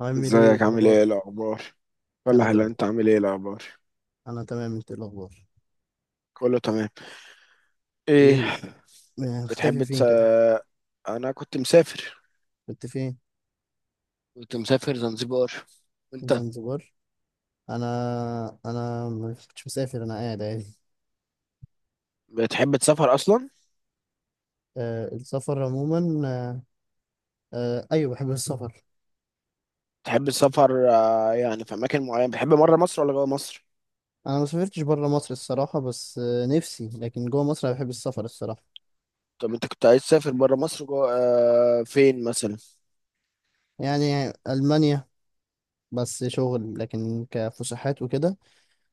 عامل ايه ازيك؟ عامل ايه الاخبار؟ الاخبار؟ انا ولا هلا، تمام. انت عامل ايه الاخبار؟ انا تمام، انت إيه الاخبار؟ كله تمام. ايه؟ ايه، بتحب مختفي تس... فين كده؟ انا كنت مسافر كنت فين؟ كنت مسافر زنزبار. وانت؟ زنزبار؟ انا ما كنتش مسافر، انا قاعد عادي. بتحب تسافر اصلا؟ آه، السفر عموما، آه. آه، ايوه بحب السفر. بتحب السفر. يعني في اماكن معينه، بتحب بره مصر ولا جوه مصر؟ انا ما سافرتش بره مصر الصراحه، بس آه نفسي، لكن جوه مصر أنا بحب السفر الصراحه. طب انت كنت عايز تسافر بره مصر جوه، فين مثلا؟ يعني المانيا، بس شغل، لكن كفسحات وكده.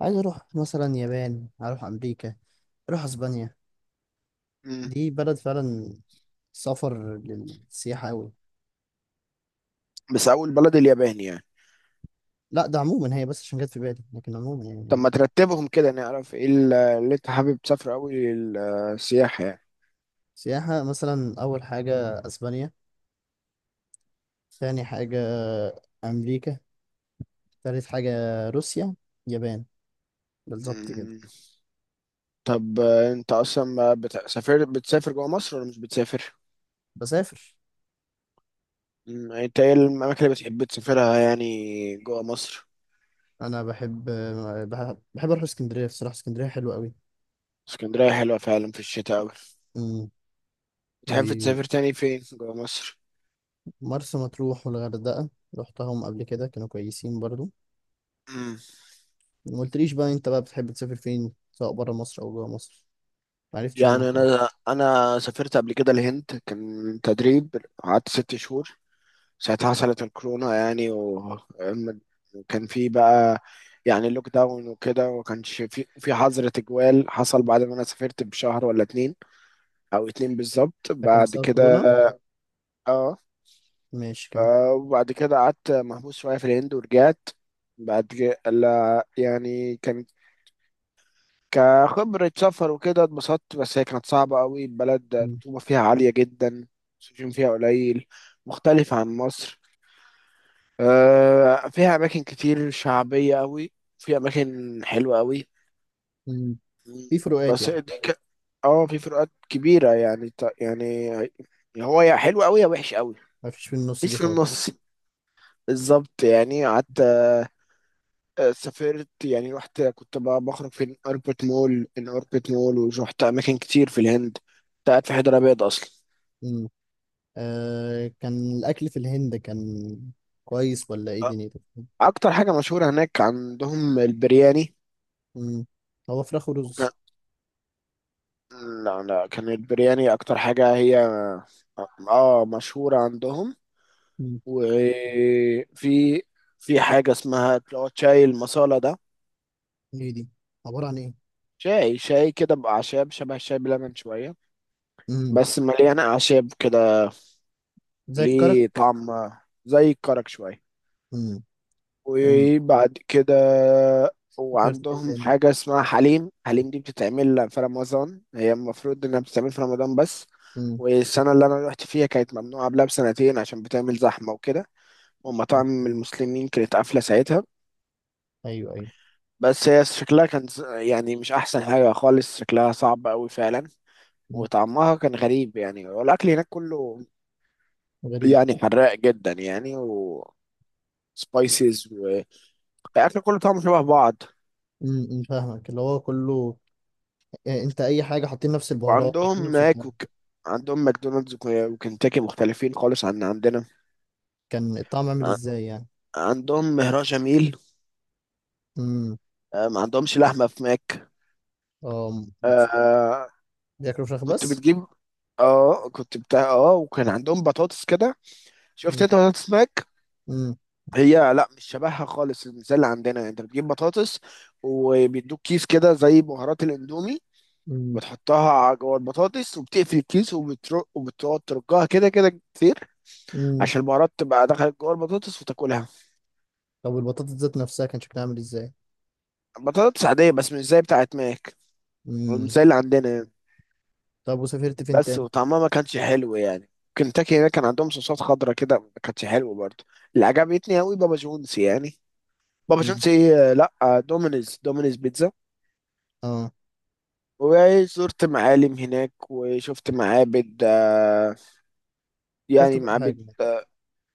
عايز اروح مثلا يابان، اروح امريكا، اروح اسبانيا. مم. دي بلد فعلا سفر للسياحة أوي. بس اول بلد اليابان يعني؟ لا، ده عموما هي، بس عشان جت في بالي، لكن عموما يعني طب ما عادي. ترتبهم كده نعرف ايه اللي انت حابب تسافر اول. السياحه. سياحة، مثلا أول حاجة أسبانيا، تاني حاجة أمريكا، تالت حاجة روسيا، يابان، بالظبط كده. يعني طب، انت اصلا ما بت- سافر بتسافر جوه مصر ولا مش بتسافر؟ بسافر. يعني انت ايه الاماكن اللي بتحب تسافرها يعني جوه مصر؟ أنا بحب أروح اسكندرية، بصراحة اسكندرية حلوة أوي. اسكندريه حلوه فعلا في الشتاء اوي. أمم. بتحب ومرسى تسافر تاني فين جوه مصر؟ مطروح والغردقة، رحتهم قبل كده كانوا كويسين برضو. مم. ما قلتليش بقى أنت بقى بتحب تسافر فين سواء برا مصر أو جوا مصر؟ معرفتش يعني عنك يعني. انا سافرت قبل كده الهند، كان تدريب. قعدت 6 شهور. ساعتها حصلت الكورونا يعني. وكان في بقى، يعني لوك داون وكده، وما كانش في حظر تجوال. حصل بعد ما انا سافرت بشهر ولا 2، او 2 بالظبط ده كان بعد بسبب كده. كورونا؟ اه. ماشي، كمل. وبعد كده قعدت محبوس شوية في الهند ورجعت. بعد كده لا، يعني كانت كخبرة سفر وكده اتبسطت، بس هي كانت صعبة قوي. بلد أمم. الرطوبة فيها عالية جدا. السجون فيها قليل، مختلف عن مصر. فيها أماكن كتير شعبية قوي، في أماكن حلوة قوي. أمم. في فروقات بس يعني. دي اه، في فروقات كبيرة يعني، يعني هو يا حلو قوي يا وحش قوي. ما فيش في النص مفيش دي في خالص. النص. بالظبط. يعني قعدت. سافرت يعني. رحت، كنت بقى بخرج في أوربت مول، ورحت أماكن كتير في الهند. كنت قاعد في حيدر أبيض أصلا. امم. آه، كان الأكل في الهند كان كويس ولا إيه أ- دنيته؟ أكتر حاجة مشهورة هناك عندهم البرياني. امم. هو فراخ وكان، ورز. لا لا، كان البرياني أكتر حاجة هي مشهورة عندهم. امم. وفي حاجة اسمها اللي هو شاي المصالة ده. إيه دي؟ عبارة عن إيه؟ شاي كده بأعشاب، شبه الشاي بلبن شوية، امم. بس مليانة أعشاب كده. زي ليه الكرك. طعم زي الكرك شوية. امم. أم. وبعد كده فكرت كده وعندهم تاني. حاجة اسمها حليم. حليم دي بتتعمل في رمضان، هي المفروض إنها بتتعمل في رمضان بس. امم. والسنة اللي أنا روحت فيها كانت ممنوعة قبلها بسنتين عشان بتعمل زحمة وكده، صح. ومطاعم مم. المسلمين كانت قافلة ساعتها. أيوه، أيوه. بس هي شكلها كان يعني مش أحسن حاجة خالص، شكلها صعب أوي فعلا. مم. وطعمها كان غريب يعني، والأكل هناك كله غريب. يعني حراق جدا يعني. وسبايسز. الاكل كله طعمه شبه بعض. امم، فاهمك اللي هو كله، يعني أنت أي حاجة حاطين نفس البهارات، حاطين وعندهم نفس ماك الحاجة. عندهم ماكدونالدز وكنتاكي مختلفين خالص عن عندنا. كان الطعم عامل ع- إزاي يعني؟ عندهم مهراج جميل. امم. ما عندهمش لحمه في ماك. اه، آه، بياكلوا فراخ كنت بس؟ بتجيب. اه كنت بتاع، وكان عندهم بطاطس كده. شفت امم. انت بطاطس ماك؟ امم. هي لا، مش شبهها خالص زي اللي عندنا. انت بتجيب بطاطس، وبيدوك كيس كده زي بهارات الاندومي، بتحطها على جوه البطاطس، وبتقفل الكيس، وبتقعد ترجها كده كده كتير، امم. عشان البهارات تبقى دخلت جوه البطاطس وتاكلها. طب والبطاطس ذات نفسها كان شكلها عامل ازاي؟ بطاطس عادية بس مش زي بتاعت ماك، مش امم. زي اللي عندنا يعني. طب وسافرت فين بس تاني؟ وطعمها ما كانش حلو يعني. كنتاكي هنا كان عندهم صوصات خضرا كده، ما كانتش حلوة برضه. اللي عجبتني قوي بابا جونز يعني. بابا امم. جونز، ايه لا، دومينيز بيتزا. اه، وزرت معالم هناك وشفت معابد. شفت يعني كل حاجه معابد. يعني.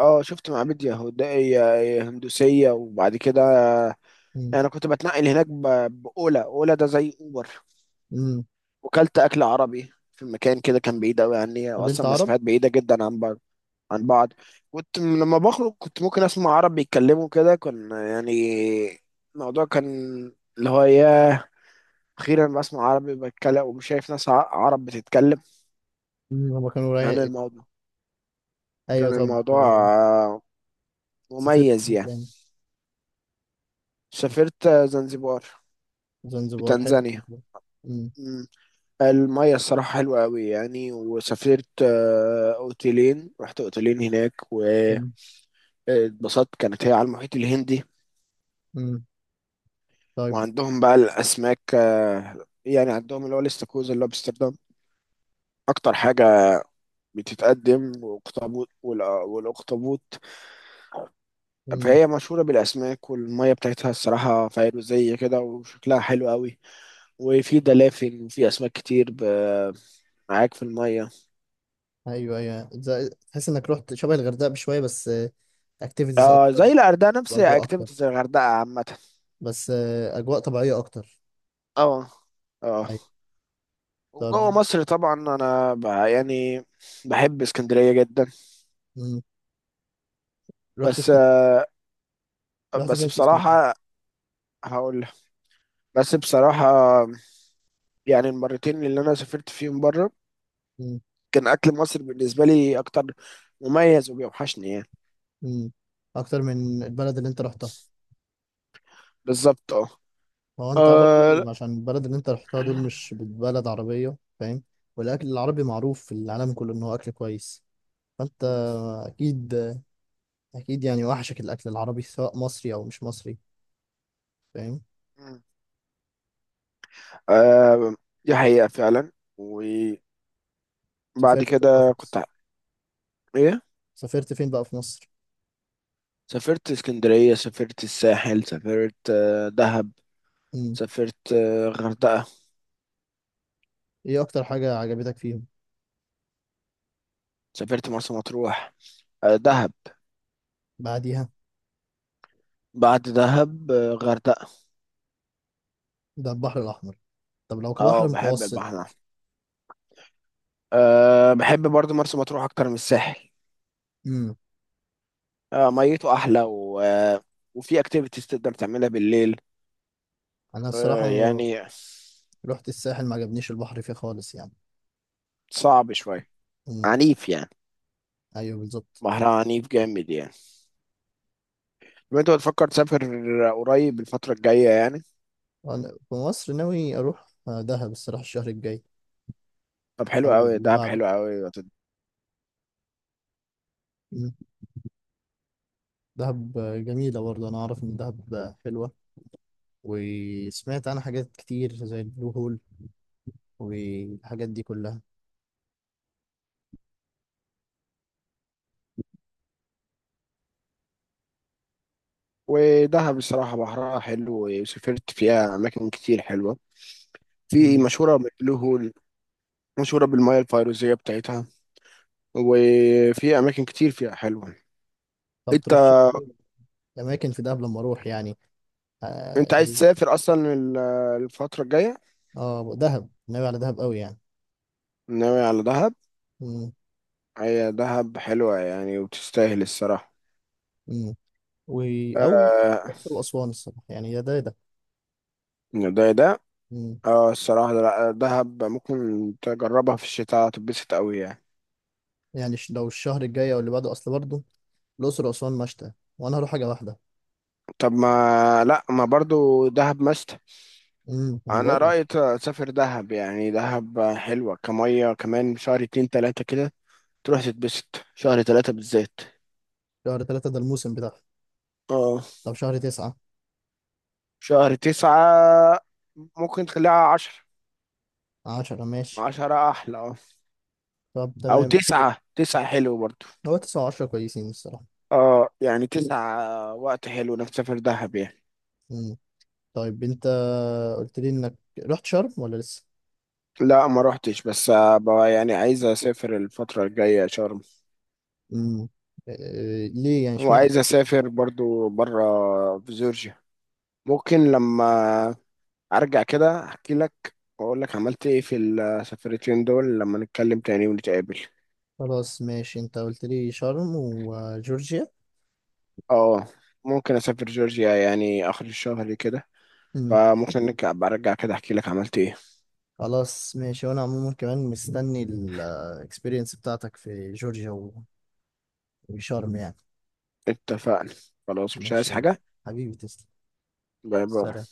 اه، شفت معابد يهودية هندوسية. وبعد كده امم. يعني انا كنت بتنقل هناك بأولا. أولا ده زي أوبر. امم. وكلت اكل عربي في مكان كده كان بعيد قوي عني قابلت اصلا، عرب؟ مسافات بعيده جدا عن بعض. كنت لما بخرج كنت ممكن اسمع عرب بيتكلموا كده. كان يعني الموضوع كان، اللي هو ياه، اخيرا بسمع عربي بتكلم، ومش شايف ناس عرب بتتكلم. امم. هما كانوا كان رايق. الموضوع ايوه، كان طب، الموضوع آه، سافرت مميز فين يعني. تاني؟ سافرت، زنزبار، في زنزبار، حلو تنزانيا. زنزبار. امم. مم. المية الصراحة حلوة أوي يعني. وسافرت، رحت أوتيلين هناك، و امم. اتبسطت كانت هي على المحيط الهندي. امم. طيب. وعندهم بقى الأسماك، يعني عندهم اللي هو الاستاكوزا، اللي هو بأمستردام أكتر حاجة بتتقدم، والأخطبوط. امم. فهي مشهورة بالأسماك، والمية بتاعتها الصراحة فيروزية كده، وشكلها حلو قوي. وفي دلافين وفي أسماك كتير معاك في المية. ايوه، ايوه، تحس انك رحت شبه الغردقه بشويه، بس اكتيفيتيز آه، اكتر، زي الغردقة، نفس واجواء اكتر. اكتيفيتي زي الغردقة عامة. بس اجواء طبيعيه اكتر. اه. اه. ايوه. طب. وجوه مصر طبعا أنا بقى يعني بحب اسكندرية جدا. امم. رحت بس اسكندريه. آه، رحت بس فين في اسكندريه؟ بصراحة، هقول لك. بس بصراحة يعني، المرتين اللي أنا سافرت فيهم بره، كان أكل مصر بالنسبة لي أكتر مميز وبيوحشني يعني. مم. اكتر من البلد اللي انت رحتها. بالظبط. أه. هو انت آه. برضو عشان البلد اللي انت رحتها دول لا. مش بلد عربية، فاهم؟ والاكل العربي معروف في العالم كله ان هو اكل كويس، فانت اكيد، اكيد يعني وحشك الاكل العربي، سواء مصري او مش مصري، فاهم؟ مم. آه، دي حقيقة فعلا. وبعد سافرت فين بقى في كده كنت مصر؟ ع- إيه. سافرت فين بقى في مصر؟ سافرت اسكندرية، سافرت الساحل، سافرت، دهب، مم. سافرت، غردقة، ايه اكتر حاجة عجبتك فيهم؟ سافرت مرسى مطروح، دهب. بعديها؟ بعد دهب، غردقة. ده البحر الاحمر، طب لو كبحر اه، بحب متوسط؟ البحر. أه، بحب برضو مرسى مطروح أكتر من الساحل. مم. أه، ميته أحلى و... آه، وفي أكتيفيتيز تقدر تعملها بالليل. انا الصراحة أه يعني. رحت الساحل، ما عجبنيش البحر فيه خالص يعني. صعب شوية. مم. عنيف يعني. ايوه، بالظبط. بحرها عنيف جامد يعني. طب أنت بتفكر تسافر قريب الفترة الجاية يعني؟ أنا في مصر ناوي أروح دهب الصراحة، الشهر الجاي طب حلو أو أوي، اللي دهب بعده. حلو أوي. مم. دهب جميلة برضه، أنا أعرف إن دهب حلوة، وسمعت عنها حاجات كتير زي البلو هول والحاجات دي كلها. ودهب بصراحة بحرها حلو، وسافرت فيها أماكن كتير حلوة. في مم. مشهورة بالبلو هول، مشهورة بالمياه الفيروزية بتاعتها، وفي أماكن كتير فيها حلوة. طب انت. ترشح لي أماكن في دهب لما أروح يعني. انت آه، عايز تسافر اصلا الفترة الجاية؟ آه، دهب، ناوي على دهب أوي يعني. ناوي على دهب. مم. هي دهب حلوة يعني وتستاهل الصراحة. مم. و... أو آه. الأقصر وأسوان، الصراحة يعني يا ده يا ده. ده. مم. اه الصراحة ده- لا دهب ممكن تجربها في الشتاء، هتتبسط قوي يعني. يعني لو الشهر الجاي أو اللي بعده، أصل برضه الأقصر وأسوان مشتى وأنا هروح حاجة واحدة. طب ما لا ما برضو دهب مست امم، انا انا بقول لك، رأيي تسافر دهب يعني، دهب حلوة. كمية كمان شهر اتنين تلاتة كده، تروح تتبسط شهر 3 بالذات. شهر تلاتة ده الموسم بتاعه. اه. طب شهر تسعة؟ شهر 9، ممكن تخليها 10. عشرة ماشي. 10 أحلى. طب او تمام. تسعة حلو برضو. هو تسعة وعشرة كويسين الصراحة. اه، يعني 9 وقت حلو نسافر دهب يعني. مم. طيب انت قلت لي انك رحت شرم ولا لسه؟ لا ما روحتش، بس بقى يعني عايز اسافر الفترة الجاية شرم. مم. إيه ليه يعني، اشمعنى وعايز شرم؟ اسافر برضو برا، في جورجيا. ممكن لما ارجع كده احكي لك، واقول لك عملت ايه في السفرتين دول لما نتكلم تاني ونتقابل. خلاص ماشي، انت قلت لي شرم وجورجيا. اه، ممكن اسافر جورجيا يعني اخر الشهر كده. مم. فممكن برجع كده احكي لك عملت ايه. خلاص ماشي، وانا عموما كمان مستني الاكسبيرينس بتاعتك في جورجيا وشرم يعني. اتفقنا. خلاص مش عايز ماشي يلا، حاجة. حبيبي تسلم. باي باي. سلام.